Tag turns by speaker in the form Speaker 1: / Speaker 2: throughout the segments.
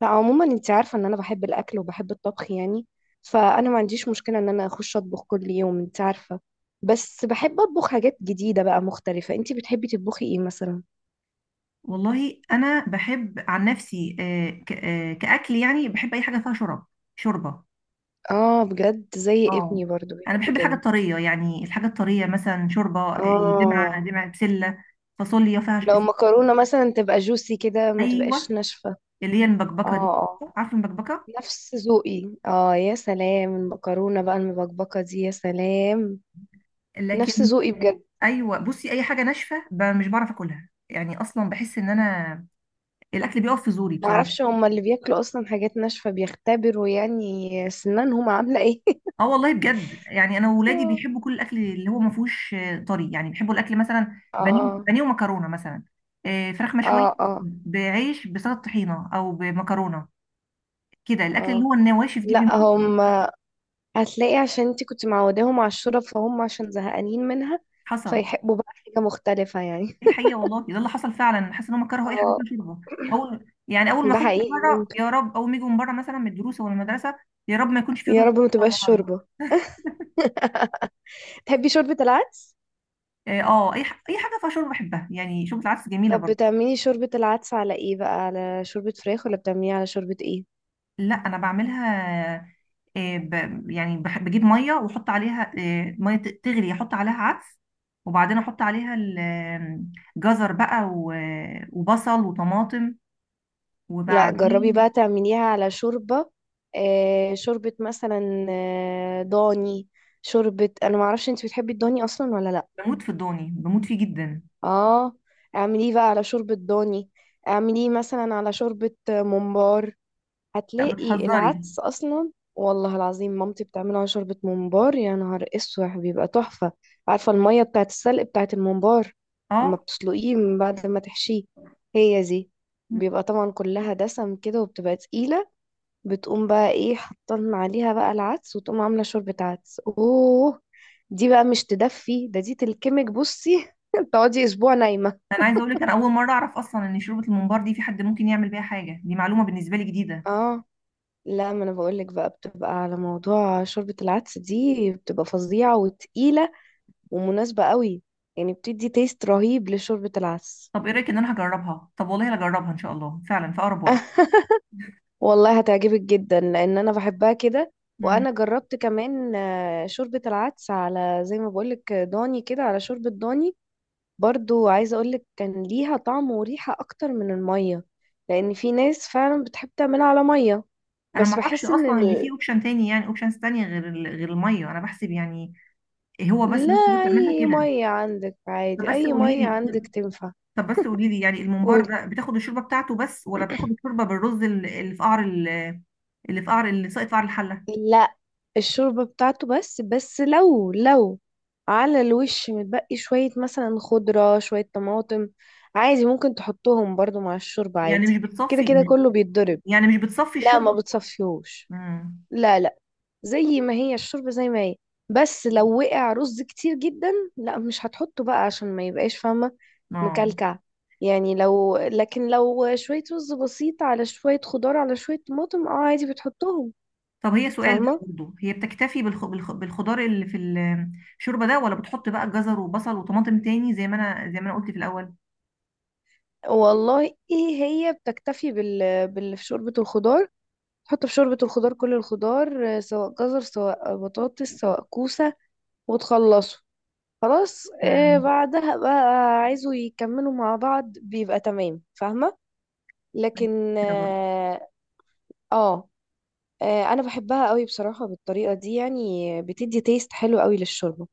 Speaker 1: لا، عموما انت عارفة ان انا بحب الاكل وبحب الطبخ يعني. فانا ما عنديش مشكلة ان انا اخش اطبخ كل يوم، انت عارفة. بس بحب اطبخ حاجات جديدة بقى مختلفة. انت بتحبي تطبخي ايه مثلا؟
Speaker 2: والله انا بحب عن نفسي، كاكل، يعني بحب اي حاجه فيها شرب شوربه.
Speaker 1: اه، بجد؟ زي
Speaker 2: اه
Speaker 1: ابني برضو
Speaker 2: انا
Speaker 1: بيحب
Speaker 2: بحب الحاجه
Speaker 1: كده.
Speaker 2: الطريه، يعني الحاجه الطريه مثلا شوربه،
Speaker 1: اه.
Speaker 2: دمعه دمعه، بسله، فاصوليا فيها
Speaker 1: لو مكرونة مثلا تبقى جوسي كده ما تبقاش
Speaker 2: ايوه
Speaker 1: ناشفة.
Speaker 2: اللي هي
Speaker 1: اه،
Speaker 2: المبكبكه دي،
Speaker 1: اه،
Speaker 2: عارفه المبكبكه؟
Speaker 1: نفس ذوقي. اه، يا سلام! المكرونة بقى المبكبكة دي يا سلام. نفس
Speaker 2: لكن
Speaker 1: ذوقي بجد.
Speaker 2: ايوه، بصي اي حاجه ناشفه مش بعرف اكلها يعني، اصلا بحس ان انا الاكل بيقف في زوري بصراحه.
Speaker 1: معرفش، هما اللي بياكلوا اصلا حاجات ناشفة بيختبروا يعني سنانهم عاملة ايه؟
Speaker 2: اه والله بجد، يعني انا وولادي
Speaker 1: آه.
Speaker 2: بيحبوا كل الاكل اللي هو ما فيهوش طري، يعني بيحبوا الاكل مثلا بانيه،
Speaker 1: اه،
Speaker 2: بانيه ومكرونه مثلا، فراخ
Speaker 1: اه،
Speaker 2: مشويه،
Speaker 1: اه،
Speaker 2: بعيش بسلطه طحينه او بمكرونه كده. الاكل اللي
Speaker 1: اه.
Speaker 2: هو النواشف دي
Speaker 1: لا،
Speaker 2: بيموت.
Speaker 1: هم، هتلاقي عشان انت كنت معوداهم على الشورى، فهم عشان زهقانين منها
Speaker 2: حصل،
Speaker 1: فيحبوا بقى حاجة مختلفة يعني.
Speaker 2: دي الحقيقه والله، ده اللي حصل فعلا. حاسه ان هم كرهوا اي حاجه
Speaker 1: اه.
Speaker 2: فيها شوربه. اول ما
Speaker 1: ده
Speaker 2: اخش
Speaker 1: حقيقي،
Speaker 2: بره،
Speaker 1: ممكن.
Speaker 2: يا رب اول ما يجوا من بره مثلا من الدروس او المدرسه، يا رب ما يكونش في
Speaker 1: يا
Speaker 2: رز
Speaker 1: رب ما تبقاش
Speaker 2: النهارده.
Speaker 1: شوربة. تحبي شوربة العدس؟
Speaker 2: اه، اي حاجه فيها شوربه بحبها يعني، شوربه العدس جميله
Speaker 1: طب
Speaker 2: برضه.
Speaker 1: بتعملي شوربة العدس على ايه بقى، على شوربة فراخ ولا بتعمليها على شوربة ايه؟
Speaker 2: لا انا بعملها، يعني بجيب ميه واحط عليها، ميه تغلي، احط عليها عدس، وبعدين احط عليها جزر بقى وبصل وطماطم،
Speaker 1: لا، جربي
Speaker 2: وبعدين
Speaker 1: بقى تعمليها على شوربة، شوربة مثلا ضاني. شوربة. انا معرفش انت بتحبي الضاني اصلا ولا لا.
Speaker 2: بموت في الضاني، بموت فيه جدا.
Speaker 1: اه، اعمليه بقى على شوربة ضاني. اعمليه مثلا على شوربة ممبار.
Speaker 2: لا
Speaker 1: هتلاقي
Speaker 2: بتهزري.
Speaker 1: العدس اصلا والله العظيم مامتي بتعمله على شوربة ممبار. يا نهار اسوح بيبقى تحفة. عارفة المية بتاعت السلق بتاعت الممبار؟ اما
Speaker 2: اه
Speaker 1: بتسلقيه من بعد ما تحشيه، هي دي. بيبقى طبعا كلها دسم كده وبتبقى تقيلة. بتقوم بقى ايه، حطن عليها بقى العدس وتقوم عاملة شوربة عدس. اوه! دي بقى مش تدفي، ده دي تلكمك، بصي! تقعدي اسبوع نايمة.
Speaker 2: انا عايزه اقول لك، انا اول مره اعرف اصلا ان شوربه الممبار دي في حد ممكن يعمل بيها حاجه، دي معلومه بالنسبه لي جديده.
Speaker 1: اه. لا ما انا بقولك بقى، بتبقى على موضوع شوربة العدس دي بتبقى فظيعة وتقيلة ومناسبة قوي. يعني بتدي تيست رهيب لشوربة العدس.
Speaker 2: طب ايه رايك ان انا هجربها؟ طب والله هجربها ان شاء الله فعلا في اقرب وقت.
Speaker 1: والله هتعجبك جدا لان انا بحبها كده.
Speaker 2: مم.
Speaker 1: وانا جربت كمان شوربة العدس على، زي ما بقولك، ضاني كده، على شوربة ضاني. برضو عايزة اقولك كان ليها طعم وريحة اكتر من المية، لان في ناس فعلا بتحب تعملها على مية.
Speaker 2: انا ما
Speaker 1: بس
Speaker 2: اعرفش
Speaker 1: بحس ان
Speaker 2: اصلا ان في اوبشن تاني، يعني اوبشنز تانية غير غير الميه، انا بحسب يعني هو بس الناس كلها
Speaker 1: لا،
Speaker 2: بتعملها
Speaker 1: اي
Speaker 2: كده.
Speaker 1: مية عندك
Speaker 2: طب
Speaker 1: عادي،
Speaker 2: بس
Speaker 1: اي
Speaker 2: قولي
Speaker 1: مية
Speaker 2: لي
Speaker 1: عندك تنفع.
Speaker 2: طب بس قولي لي يعني الممبار
Speaker 1: قولي.
Speaker 2: ده بتاخد الشوربه بتاعته بس، ولا بتاخد الشوربه بالرز، اللي في قعر اللي في قعر، اللي ساقط في قعر الحله؟
Speaker 1: لا، الشوربة بتاعته بس، لو على الوش متبقي شوية مثلا خضرة شوية طماطم، عادي ممكن تحطهم برضو مع الشوربة
Speaker 2: يعني
Speaker 1: عادي.
Speaker 2: مش
Speaker 1: كده كده
Speaker 2: بتصفي،
Speaker 1: كله بيتضرب.
Speaker 2: يعني مش بتصفي
Speaker 1: لا، ما
Speaker 2: الشوربه؟
Speaker 1: بتصفيهوش.
Speaker 2: امم
Speaker 1: لا، لا. زي ما هي الشوربة زي ما هي. بس لو وقع رز كتير جدا، لا مش هتحطه بقى عشان ما يبقاش، فاهمة؟
Speaker 2: اه.
Speaker 1: مكلكع. يعني لكن لو شوية رز بسيط على شوية خضار على شوية طماطم، اه، عادي بتحطهم،
Speaker 2: طب هي سؤال بقى
Speaker 1: فاهمة؟
Speaker 2: برضه، هي بتكتفي بالخضار اللي في الشوربه ده، ولا بتحط بقى جزر وبصل وطماطم تاني زي ما انا قلت في الاول؟
Speaker 1: والله، ايه. هي بتكتفي بال... بال في شوربة الخضار، تحط في شوربة الخضار كل الخضار، سواء جزر، سواء بطاطس، سواء كوسة. وتخلصوا، خلاص.
Speaker 2: امم
Speaker 1: بعدها بقى عايزوا يكملوا مع بعض بيبقى تمام، فاهمة؟ لكن
Speaker 2: فكره برضه.
Speaker 1: آه، انا بحبها قوي بصراحة بالطريقة دي، يعني بتدي تيست حلو قوي للشوربة.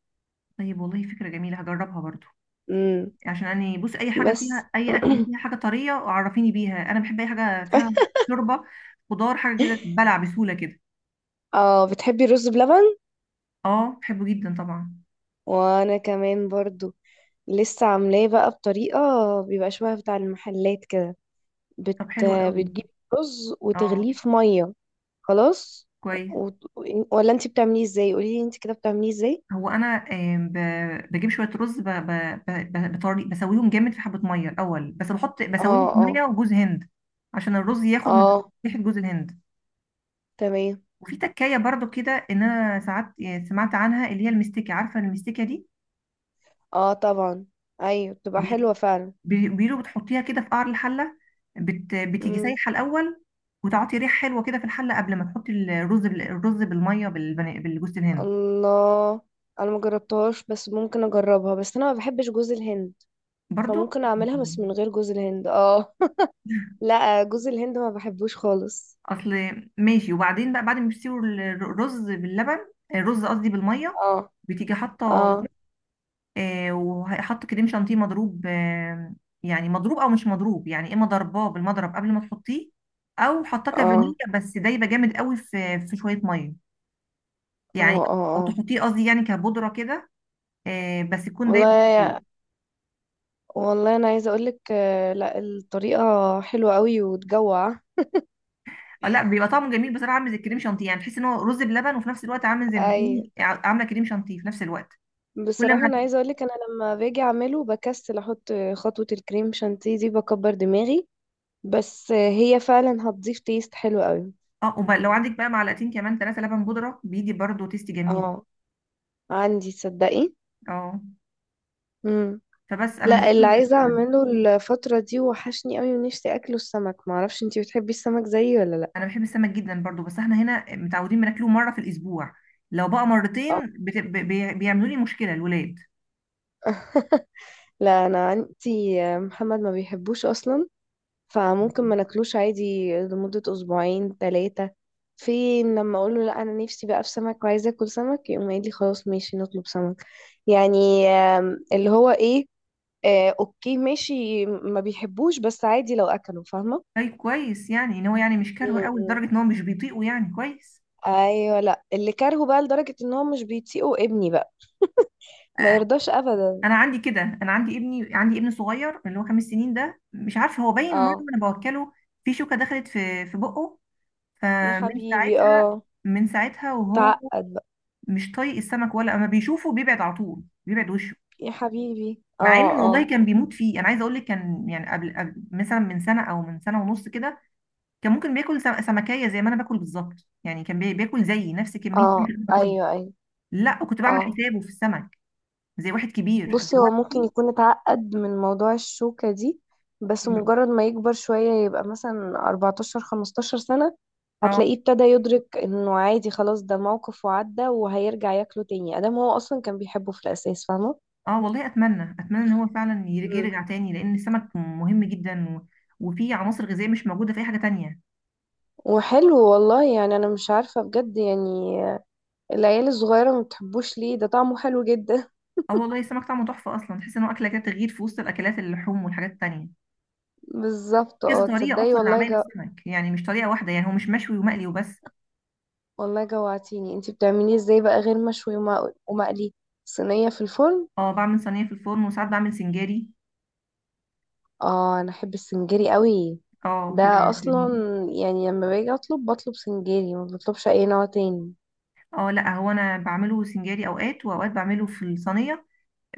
Speaker 2: طيب والله فكره جميله، هجربها برضه،
Speaker 1: امم.
Speaker 2: عشان يعني بص، اي حاجه
Speaker 1: بس
Speaker 2: فيها، اي اكل فيها حاجه طريه عرفيني بيها، انا بحب اي حاجه فيها شوربه، خضار، حاجه كده بلع بسهوله كده.
Speaker 1: اه، بتحبي الرز بلبن؟
Speaker 2: اه بحبه جدا طبعا.
Speaker 1: وانا كمان برضو. لسه عاملاه بقى بطريقة بيبقى شبه بتاع المحلات كده. بت...
Speaker 2: طب حلو قوي.
Speaker 1: بتجيب رز
Speaker 2: اه
Speaker 1: وتغليه في مية. خلاص.
Speaker 2: كويس.
Speaker 1: و... ولا انت بتعمليه ازاي؟ قوليلي انت كده بتعمليه ازاي.
Speaker 2: هو انا بجيب شويه رز، بطري بسويهم جامد في حبه ميه الاول، بس بحط
Speaker 1: اه،
Speaker 2: بسويهم في
Speaker 1: اه،
Speaker 2: ميه وجوز هند، عشان الرز ياخد من
Speaker 1: اه.
Speaker 2: ريحه جوز الهند.
Speaker 1: تمام.
Speaker 2: وفي تكايه برضو كده، ان انا ساعات سمعت عنها، اللي هي المستكه، عارفه المستكه
Speaker 1: اه، طبعا. ايوه، بتبقى
Speaker 2: دي؟
Speaker 1: حلوة فعلا.
Speaker 2: بيقولوا بتحطيها كده في قعر الحلة، بتيجي
Speaker 1: مم.
Speaker 2: سايحة الأول، وتعطي ريحة حلوة كده في الحلة، قبل ما تحطي الرز الرز بالمية، بالجوز الهند
Speaker 1: الله! انا ما جربتهاش بس ممكن اجربها، بس انا ما بحبش جوز الهند.
Speaker 2: برضو.
Speaker 1: فممكن اعملها بس
Speaker 2: مم.
Speaker 1: من غير جوز الهند، اه. لا، جوز الهند ما بحبوش خالص.
Speaker 2: أصل ماشي، وبعدين بقى بعد ما بتسيبوا الرز باللبن، الرز قصدي بالمية،
Speaker 1: اه
Speaker 2: بتيجي حاطة،
Speaker 1: اه،
Speaker 2: آه، وحاطة كريم شانتيه مضروب، آه يعني مضروب أو مش مضروب، يعني إما ضرباه بالمضرب قبل ما تحطيه، أو حاطاه
Speaker 1: اه،
Speaker 2: كفانيليا بس دايبة جامد قوي في شوية مية
Speaker 1: اه،
Speaker 2: يعني،
Speaker 1: اه.
Speaker 2: او
Speaker 1: اه،
Speaker 2: تحطيه قصدي يعني كبودره كده، بس يكون
Speaker 1: والله
Speaker 2: دايما فيه.
Speaker 1: يا- والله انا عايزه اقولك، لا، الطريقه حلوه قوي وتجوع.
Speaker 2: لا بيبقى طعمه جميل بصراحه، عامل زي الكريم شانتيه، يعني تحس ان هو رز بلبن، وفي نفس الوقت عامل زي ما
Speaker 1: اي،
Speaker 2: تكوني عامله كريم شانتيه في نفس الوقت. كل ما
Speaker 1: بصراحه انا عايزه اقولك انا لما باجي اعمله بكسل احط خطوه الكريم شانتيه دي، بكبر دماغي. بس هي فعلا هتضيف تيست حلو قوي.
Speaker 2: اه، وبقى لو عندك بقى معلقتين كمان 3 لبن بودره، بيدي برضو تيست جميل.
Speaker 1: اه، عندي، تصدقي؟
Speaker 2: اه،
Speaker 1: امم.
Speaker 2: فبس انا مش
Speaker 1: لا، اللي
Speaker 2: بعمل غير
Speaker 1: عايزة
Speaker 2: كده.
Speaker 1: اعمله الفترة دي، وحشني قوي ونفسي اكله، السمك. معرفش انتي بتحبي السمك زيي ولا لا؟
Speaker 2: انا بحب السمك جدا برضو، بس احنا هنا متعودين بناكله مره في الاسبوع، لو بقى
Speaker 1: اه.
Speaker 2: مرتين بيعملوا لي مشكله الولاد.
Speaker 1: لا، انا عندي محمد ما بيحبوش اصلا، فممكن ما ناكلوش عادي لمدة اسبوعين ثلاثة. في لما اقول له لا انا نفسي بقى في سمك وعايزة اكل سمك، يقوم قايل لي خلاص ماشي نطلب سمك. يعني اللي هو ايه، اوكي ماشي ما بيحبوش، بس عادي لو اكلوا، فاهمة؟
Speaker 2: طيب كويس، يعني ان هو يعني مش كارهه قوي
Speaker 1: مم.
Speaker 2: لدرجه ان هو مش بيطيقه، يعني كويس.
Speaker 1: ايوه، لا اللي كارهه بقى لدرجة ان هو مش بيطيقه ابني بقى، ما يرضاش ابدا.
Speaker 2: انا عندي كده، انا عندي ابني عندي ابن صغير اللي هو 5 سنين ده، مش عارفه هو باين مره
Speaker 1: اه،
Speaker 2: انا بوكله، في شوكه دخلت في بقه،
Speaker 1: يا
Speaker 2: فمن
Speaker 1: حبيبي،
Speaker 2: ساعتها،
Speaker 1: اه.
Speaker 2: من ساعتها وهو
Speaker 1: تعقد بقى.
Speaker 2: مش طايق السمك، ولا اما بيشوفه بيبعد على طول، بيبعد وشه،
Speaker 1: يا حبيبي،
Speaker 2: مع
Speaker 1: اه،
Speaker 2: ان والله
Speaker 1: اه،
Speaker 2: كان بيموت فيه. انا عايزه اقول لك، كان يعني قبل مثلا من سنه او من سنه ونص كده، كان ممكن بياكل سمكيه زي ما انا باكل بالظبط، يعني كان بياكل زيي نفس كميه
Speaker 1: اه.
Speaker 2: اللي انا باكلها،
Speaker 1: ايوه، ايوه،
Speaker 2: لا وكنت بعمل
Speaker 1: اه.
Speaker 2: حسابه في السمك زي واحد كبير
Speaker 1: بصي، هو ممكن
Speaker 2: دلوقتي.
Speaker 1: يكون اتعقد من موضوع الشوكة دي، بس مجرد ما يكبر شوية يبقى مثلا 14 15 سنة
Speaker 2: اه
Speaker 1: هتلاقيه ابتدى يدرك انه عادي، خلاص، ده موقف وعدى، وهيرجع ياكله تاني ادام هو اصلا كان بيحبه في الاساس، فاهمة؟
Speaker 2: اه، والله اتمنى، اتمنى ان هو فعلا يرجع، يرجع تاني، لان السمك مهم جدا، و... وفيه عناصر غذائيه مش موجوده في اي حاجه تانية.
Speaker 1: وحلو والله، يعني انا مش عارفة بجد يعني العيال الصغيرة ما بتحبوش ليه، ده طعمه حلو جدا.
Speaker 2: اه والله السمك طعمه تحفه اصلا، تحس ان هو اكله كده تغيير في وسط الاكلات، اللحوم والحاجات التانية.
Speaker 1: بالظبط.
Speaker 2: كذا
Speaker 1: اه،
Speaker 2: طريقه
Speaker 1: تصدقي
Speaker 2: اصلا
Speaker 1: والله
Speaker 2: لعمايل السمك، يعني مش طريقه واحده، يعني هو مش مشوي ومقلي وبس.
Speaker 1: والله جوعتيني! انتي بتعمليه ازاي بقى غير مشوي ومقلي؟ صينية في الفرن؟
Speaker 2: اه، بعمل صينيه في الفرن، وساعات بعمل سنجاري.
Speaker 1: اه، انا احب السنجري قوي،
Speaker 2: اه
Speaker 1: ده
Speaker 2: بيبقى
Speaker 1: اصلا
Speaker 2: جميل.
Speaker 1: يعني لما باجي اطلب، بطلب سنجري، ما بطلبش اي نوع تاني.
Speaker 2: اه لا هو انا بعمله سنجاري اوقات، واوقات بعمله في الصينيه،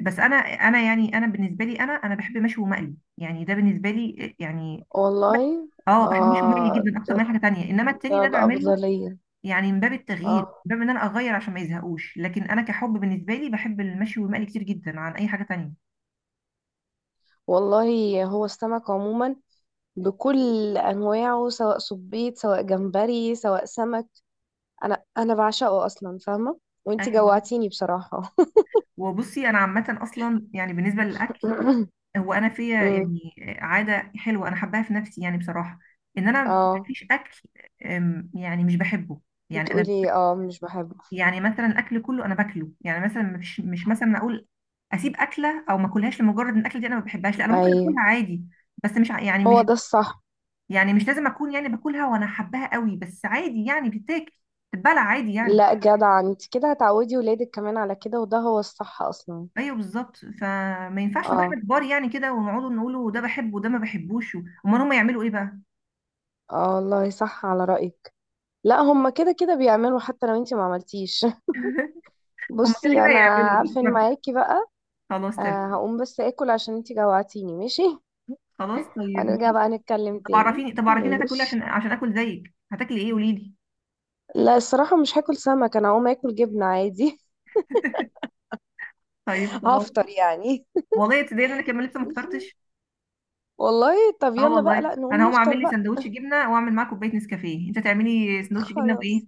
Speaker 2: بس انا يعني انا بالنسبه لي، انا بحب مشوي ومقلي، يعني ده بالنسبه لي يعني ب-
Speaker 1: والله.
Speaker 2: اه، بحب مشوي ومقلي
Speaker 1: اه،
Speaker 2: جدا اكتر
Speaker 1: ده
Speaker 2: من أي حاجه تانية، انما التاني
Speaker 1: ده
Speaker 2: ده بعمله
Speaker 1: الأفضلية.
Speaker 2: يعني من باب
Speaker 1: اه
Speaker 2: التغيير، من باب ان انا اغير عشان ما يزهقوش، لكن انا كحب بالنسبه لي بحب المشوي والمقلي كتير جدا عن اي حاجه تانية.
Speaker 1: والله، هو السمك عموما بكل انواعه، سواء صبيط، سواء جمبري، سواء سمك، انا بعشقه اصلا، فاهمه؟ وانتي
Speaker 2: ايوه،
Speaker 1: جوعتيني بصراحه.
Speaker 2: وبصي انا عامه اصلا يعني بالنسبه للاكل، هو انا فيا
Speaker 1: أمم.
Speaker 2: يعني عاده حلوه انا حباها في نفسي يعني بصراحه، ان انا
Speaker 1: اه،
Speaker 2: مفيش اكل، يعني مش بحبه. يعني انا،
Speaker 1: بتقولي اه مش بحبه؟
Speaker 2: يعني مثلا الاكل كله انا باكله، يعني مثلا مش مش مثلا اقول اسيب اكله او ما اكلهاش لمجرد ان الاكله دي انا ما بحبهاش، لا انا
Speaker 1: اي،
Speaker 2: ممكن اكلها عادي، بس مش ع- يعني
Speaker 1: هو
Speaker 2: مش،
Speaker 1: ده الصح.
Speaker 2: يعني مش لازم اكون يعني باكلها وانا حباها قوي، بس عادي يعني بتتاكل، بتتبلع عادي يعني.
Speaker 1: لا جدع، انت كده هتعودي ولادك كمان على كده، وده هو الصح اصلا.
Speaker 2: ايوه بالظبط، فما ينفعش نبقى
Speaker 1: اه،
Speaker 2: احنا كبار يعني كده، ونقعدوا نقولوا ده بحبه وده ما بحبوش، امال هم يعملوا ايه بقى؟
Speaker 1: اه، والله صح على رأيك. لا، هما كده كده بيعملوا حتى لو انت ما عملتيش.
Speaker 2: هم كده كده
Speaker 1: بصي انا
Speaker 2: هيعملوا
Speaker 1: عارفه ان معاكي بقى.
Speaker 2: خلاص تمام.
Speaker 1: هقوم بس اكل عشان انت جوعتيني، ماشي.
Speaker 2: خلاص طيب
Speaker 1: هنرجع
Speaker 2: ماشي.
Speaker 1: بقى نتكلم
Speaker 2: طب
Speaker 1: تاني،
Speaker 2: عرفيني، طب عرفيني هتاكل ايه
Speaker 1: ماشي.
Speaker 2: عشان عشان اكل زيك، هتاكلي ايه قولي لي؟
Speaker 1: لا الصراحة مش هاكل سمك، انا هقوم اكل جبنة عادي.
Speaker 2: طيب خلاص.
Speaker 1: هفطر يعني.
Speaker 2: والله تصدقني انا كمان لسه ما
Speaker 1: ماشي.
Speaker 2: فطرتش.
Speaker 1: والله، طب
Speaker 2: اه
Speaker 1: يلا بقى
Speaker 2: والله
Speaker 1: لا
Speaker 2: انا
Speaker 1: نقوم
Speaker 2: هقوم
Speaker 1: نفطر
Speaker 2: اعمل لي
Speaker 1: بقى.
Speaker 2: سندوتش جبنه، واعمل معاه كوبايه نسكافيه، انت تعملي سندوتش جبنه بايه؟
Speaker 1: خلاص.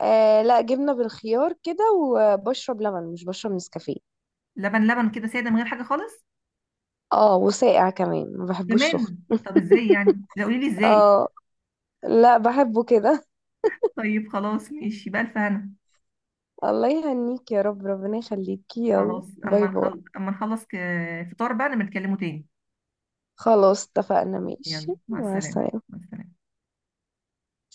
Speaker 1: لا، جبنة بالخيار كده، وبشرب لبن مش بشرب نسكافيه.
Speaker 2: لبن، لبن كده ساده من غير حاجه خالص؟
Speaker 1: اه، وساقع كمان، ما بحبوش سخن.
Speaker 2: كمان؟ طب ازاي يعني؟ لا قولي لي ازاي.
Speaker 1: اه، لا بحبه كده.
Speaker 2: طيب خلاص ماشي، بألف هنا.
Speaker 1: الله يهنيك يا رب، ربنا يخليكي، يلا
Speaker 2: خلاص
Speaker 1: باي
Speaker 2: اما
Speaker 1: باي.
Speaker 2: نخلص، فطار بقى نبقى نتكلموا تاني.
Speaker 1: خلاص اتفقنا، ماشي.
Speaker 2: يلا مع
Speaker 1: مع
Speaker 2: السلامه.
Speaker 1: السلامة.
Speaker 2: مع السلامه.